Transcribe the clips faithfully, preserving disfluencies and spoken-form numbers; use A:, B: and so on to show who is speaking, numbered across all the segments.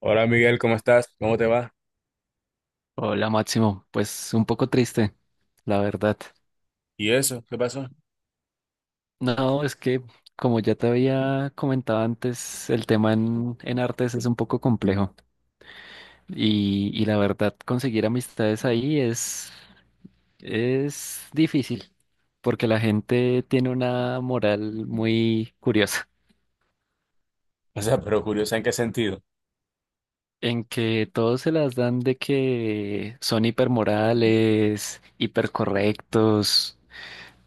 A: Hola Miguel, ¿cómo estás? ¿Cómo te va?
B: Hola Máximo, pues un poco triste, la verdad.
A: ¿Y eso? ¿Qué pasó?
B: No, es que como ya te había comentado antes, el tema en, en artes es un poco complejo y, y la verdad conseguir amistades ahí es, es difícil porque la gente tiene una moral muy curiosa
A: O sea, pero curioso, ¿en qué sentido?
B: en que todos se las dan de que son hipermorales, hipercorrectos.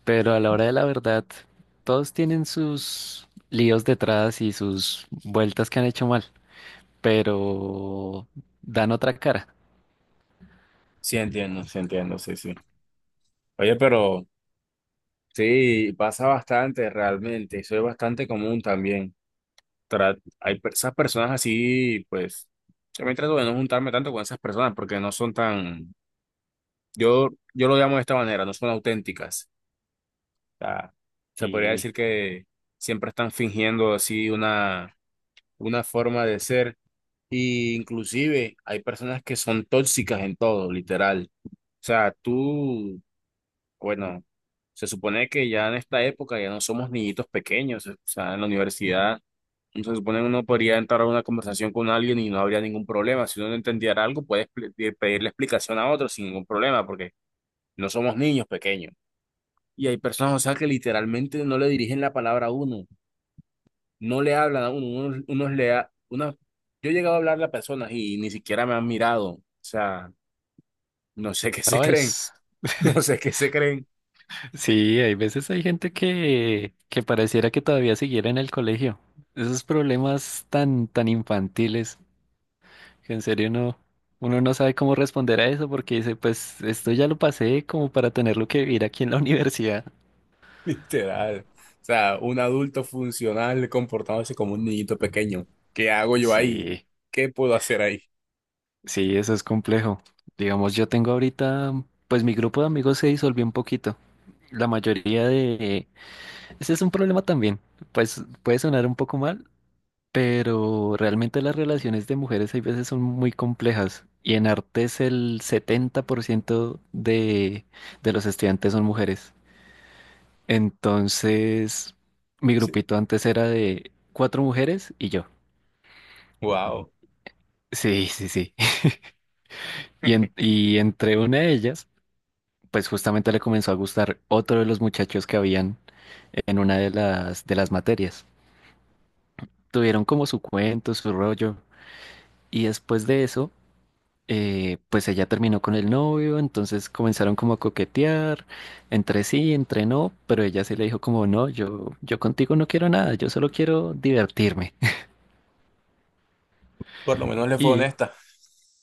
B: Pero a la hora de la verdad, todos tienen sus líos detrás y sus vueltas que han hecho mal, pero dan otra cara.
A: Sí, entiendo, sí, entiendo, sí, sí. Oye, pero sí, pasa bastante realmente, eso es bastante común también. Tra- hay per- esas personas así, pues, yo me trato de no juntarme tanto con esas personas porque no son tan, yo, yo lo llamo de esta manera, no son auténticas. O sea, se podría
B: Y
A: decir que siempre están fingiendo así una, una forma de ser. Y inclusive hay personas que son tóxicas en todo, literal. O sea, tú, bueno, se supone que ya en esta época ya no somos niñitos pequeños. O sea, en la universidad no se supone que uno podría entrar a una conversación con alguien y no habría ningún problema. Si uno no entendiera algo, puedes pedirle explicación a otro sin ningún problema, porque no somos niños pequeños. Y hay personas, o sea, que literalmente no le dirigen la palabra a uno, no le hablan a uno, unos, unos le ha- unos- yo he llegado a hablarle a personas y ni siquiera me han mirado, o sea, no sé qué se
B: no
A: creen,
B: es.
A: no sé qué se creen,
B: Sí, hay veces hay gente que, que pareciera que todavía siguiera en el colegio. Esos problemas tan, tan infantiles que en serio no, uno no sabe cómo responder a eso porque dice, pues esto ya lo pasé como para tenerlo que vivir aquí en la universidad.
A: literal. O sea, un adulto funcional comportándose como un niñito pequeño. ¿Qué hago yo ahí?
B: Sí.
A: ¿Qué puedo hacer ahí?
B: Sí, eso es complejo. Digamos, yo tengo ahorita, pues mi grupo de amigos se disolvió un poquito. La mayoría de... Ese es un problema también. Pues puede sonar un poco mal, pero realmente las relaciones de mujeres hay veces son muy complejas. Y en artes el setenta por ciento de, de los estudiantes son mujeres. Entonces, mi
A: Sí.
B: grupito antes era de cuatro mujeres y yo.
A: Wow,
B: Sí, sí, sí. Y, en- y entre una de ellas, pues justamente le comenzó a gustar otro de los muchachos que habían en una de las, de las materias. Tuvieron como su cuento, su rollo, y después de eso, eh, pues ella terminó con el novio, entonces comenzaron como a coquetear, entre sí, entre no, pero ella sí le dijo como, no, yo, yo contigo no quiero nada, yo solo quiero divertirme.
A: por lo menos le fue
B: Y
A: honesta.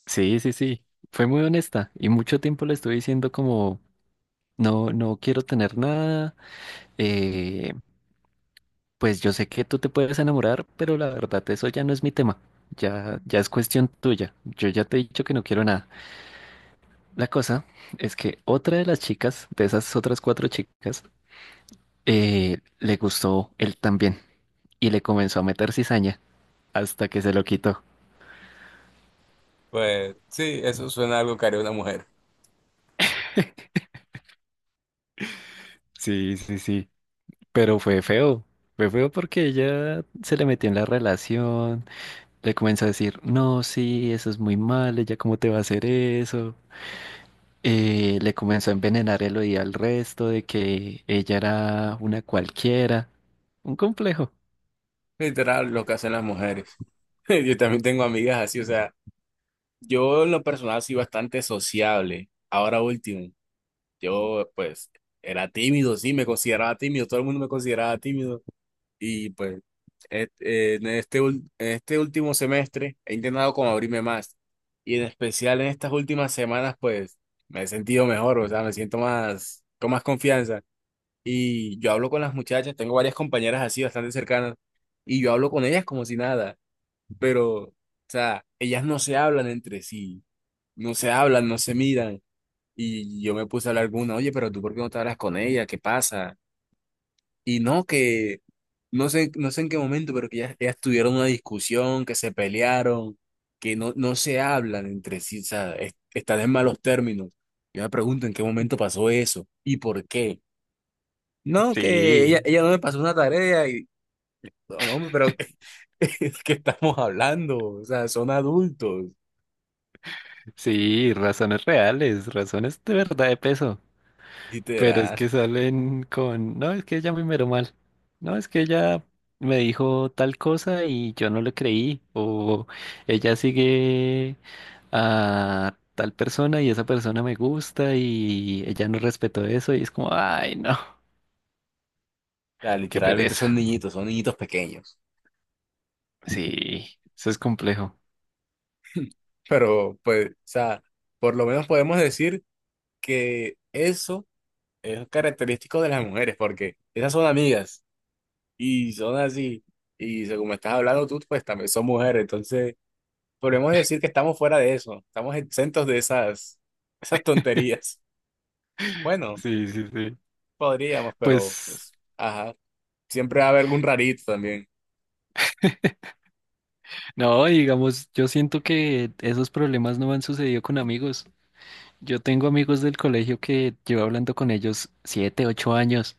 B: sí, sí, sí, fue muy honesta y mucho tiempo le estuve diciendo como, no, no quiero tener nada, eh, pues yo sé que tú te puedes enamorar, pero la verdad eso ya no es mi tema. Ya, ya es cuestión tuya. Yo ya te he dicho que no quiero nada. La cosa es que otra de las chicas, de esas otras cuatro chicas, eh, le gustó él también y le comenzó a meter cizaña hasta que se lo quitó.
A: Pues sí, eso suena a algo que haría una mujer.
B: Sí, sí, sí. Pero fue feo. Fue feo porque ella se le metió en la relación, le comenzó a decir, no, sí, eso es muy mal, ella cómo te va a hacer eso. Eh, le comenzó a envenenar el oído al resto de que ella era una cualquiera. Un complejo.
A: Literal, lo que hacen las mujeres. Yo también tengo amigas así, o sea, yo en lo personal soy bastante sociable. Ahora último. Yo, pues, era tímido, sí, me consideraba tímido, todo el mundo me consideraba tímido. Y pues, et- eh, en este, ul- en este último semestre he intentado como abrirme más. Y en especial en estas últimas semanas, pues, me he sentido mejor, o sea, me siento más, con más confianza. Y yo hablo con las muchachas, tengo varias compañeras así, bastante cercanas, y yo hablo con ellas como si nada. Pero, o sea, ellas no se hablan entre sí, no se hablan, no se miran y yo me puse a hablar con una, oye, pero tú ¿por qué no te hablas con ella? ¿Qué pasa? Y no, que no sé, no sé en qué momento, pero que ya, ellas tuvieron una discusión, que se pelearon, que no, no se hablan entre sí, o sea, es- están en malos términos. Yo me pregunto en qué momento pasó eso y por qué. No, que ella,
B: Sí,
A: ella no me pasó una tarea y, no, no, hombre, pero es que estamos hablando, o sea, son adultos,
B: sí, razones reales, razones de verdad de peso. Pero es
A: literal.
B: que
A: O
B: salen con, no, es que ella me miró mal. No, es que ella me dijo tal cosa y yo no le creí. O ella sigue a tal persona y esa persona me gusta y ella no respetó eso y es como, ay, no,
A: sea,
B: qué
A: literalmente son
B: pereza.
A: niñitos, son niñitos pequeños.
B: Sí, eso es complejo.
A: Pero, pues, o sea, por lo menos podemos decir que eso es característico de las mujeres, porque esas son amigas y son así. Y según me estás hablando tú, pues también son mujeres. Entonces, podemos decir que estamos fuera de eso. Estamos exentos de esas, esas tonterías. Bueno,
B: Sí, sí, sí.
A: podríamos, pero,
B: Pues,
A: pues, ajá. Siempre va a haber algún rarito también.
B: no, digamos, yo siento que esos problemas no han sucedido con amigos. Yo tengo amigos del colegio que llevo hablando con ellos siete, ocho años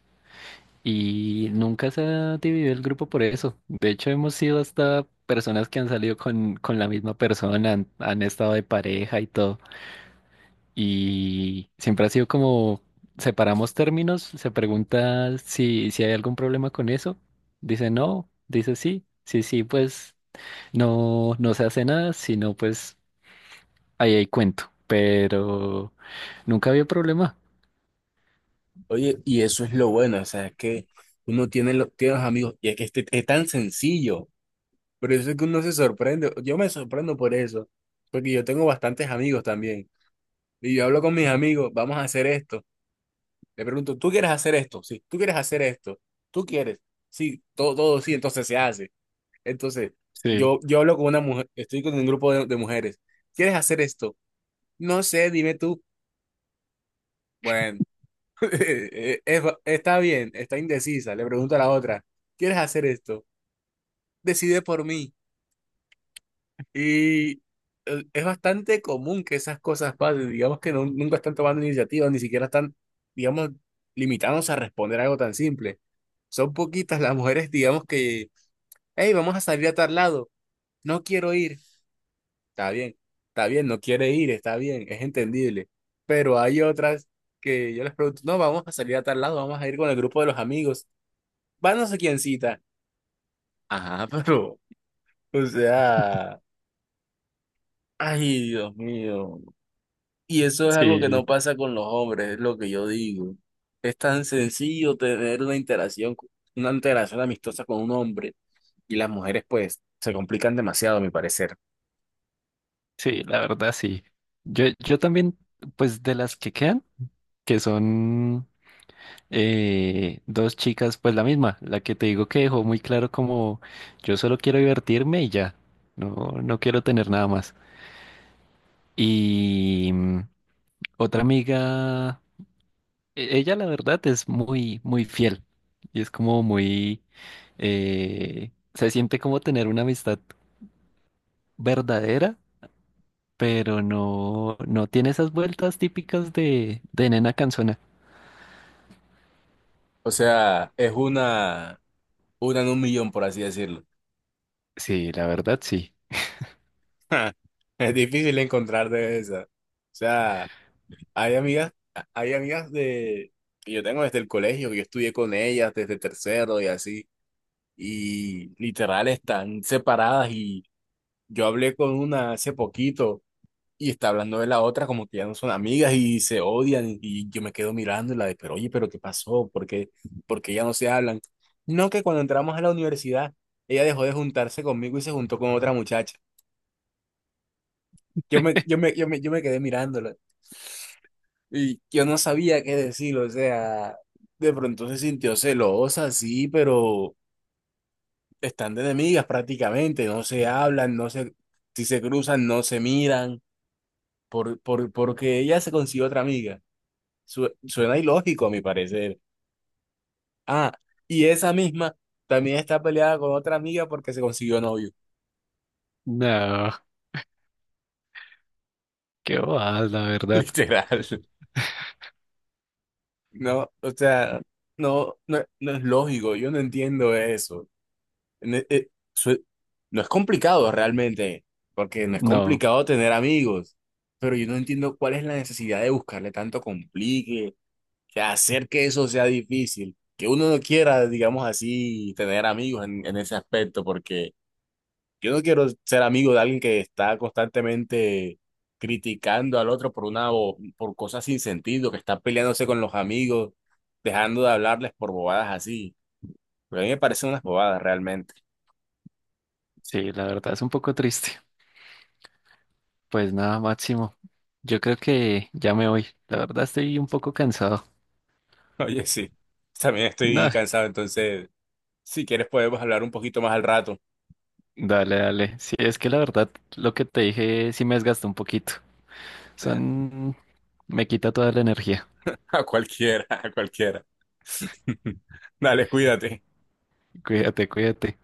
B: y nunca se ha dividido el grupo por eso. De hecho, hemos sido hasta personas que han salido con, con la misma persona, han, han estado de pareja y todo. Y siempre ha sido como separamos términos, se pregunta si, si hay algún problema con eso, dice no, dice sí, sí, sí, pues no, no se hace nada, sino pues ahí hay cuento, pero nunca había problema.
A: Oye, y eso es lo bueno, o sea, es que uno tiene, lo- tiene los amigos y es que este- es tan sencillo. Por eso es que uno se sorprende. Yo me sorprendo por eso. Porque yo tengo bastantes amigos también. Y yo hablo con mis amigos, vamos a hacer esto. Le pregunto, ¿tú quieres hacer esto? Sí, ¿tú quieres hacer esto? ¿Tú quieres? Sí, todo, todo sí, entonces se hace. Entonces,
B: Sí,
A: yo, yo hablo con una mujer, estoy con un grupo de, de mujeres. ¿Quieres hacer esto? No sé, dime tú. Bueno, eh, eh, está bien, está indecisa. Le pregunto a la otra, ¿quieres hacer esto? Decide por mí. Y eh, es bastante común que esas cosas pasen, digamos que no- nunca están tomando iniciativas, ni siquiera están, digamos, limitándose a responder algo tan simple. Son poquitas las mujeres, digamos que, hey, vamos a salir a tal lado, no quiero ir, está bien, está bien, no quiere ir, está bien, es entendible. Pero hay otras que yo les pregunto, no, vamos a salir a tal lado, vamos a ir con el grupo de los amigos, van no sé quién cita. Ajá, pero, o sea, ay, Dios mío. Y eso es algo que no
B: sí,
A: pasa con los hombres, es lo que yo digo. Es tan sencillo tener una interacción, una interacción amistosa con un hombre y las mujeres pues se complican demasiado, a mi parecer.
B: sí, la verdad sí. Yo, yo también, pues de las que quedan, que son eh, dos chicas, pues la misma, la que te digo que dejó muy claro como yo solo quiero divertirme y ya, no, no quiero tener nada más. Y mm, otra amiga, e- ella la verdad es muy, muy fiel y es como muy, eh, se siente como tener una amistad verdadera, pero no, no tiene esas vueltas típicas de, de nena canzona.
A: O sea, es una, una en un millón, por así decirlo.
B: Sí, la verdad sí.
A: Es difícil encontrar de esa. O sea, hay amigas, hay amigas de que yo tengo desde el colegio, que yo estudié con ellas desde tercero y así, y literal están separadas y yo hablé con una hace poquito y está hablando de la otra como que ya no son amigas y se odian y yo me quedo mirando y la de, pero oye, pero ¿qué pasó? ¿Por qué, por qué ya no se hablan? No, que cuando entramos a la universidad, ella dejó de juntarse conmigo y se juntó con otra muchacha. Yo me, yo me, yo me, yo me quedé mirándola y yo no sabía qué decir, o sea, de pronto se sintió celosa, sí, pero están de enemigas prácticamente, no se hablan, no se, si se cruzan, no se miran, por, por, porque ella se consiguió otra amiga. Su- suena ilógico a mi parecer. Ah, y esa misma también está peleada con otra amiga porque se consiguió novio.
B: No, qué bobada, la verdad.
A: Literal. No, o sea, no, no, no es lógico, yo no entiendo eso. No, eh, su- no es complicado realmente, porque no es
B: No.
A: complicado tener amigos, pero yo no entiendo cuál es la necesidad de buscarle tanto complique, que hacer que eso sea difícil, que uno no quiera, digamos así, tener amigos en, en ese aspecto, porque yo no quiero ser amigo de alguien que está constantemente criticando al otro por una bo- por cosas sin sentido, que está peleándose con los amigos, dejando de hablarles por bobadas así. Porque a mí me parecen unas bobadas realmente.
B: Sí, la verdad es un poco triste. Pues nada, Máximo. Yo creo que ya me voy. La verdad estoy un poco cansado.
A: Oye, sí. También estoy
B: No,
A: cansado, entonces, si quieres podemos hablar un poquito más al rato.
B: dale, dale. Sí, es que la verdad lo que te dije sí me desgastó un poquito. Son... Me quita toda la energía.
A: A cualquiera, a cualquiera. Dale, cuídate.
B: Cuídate, cuídate.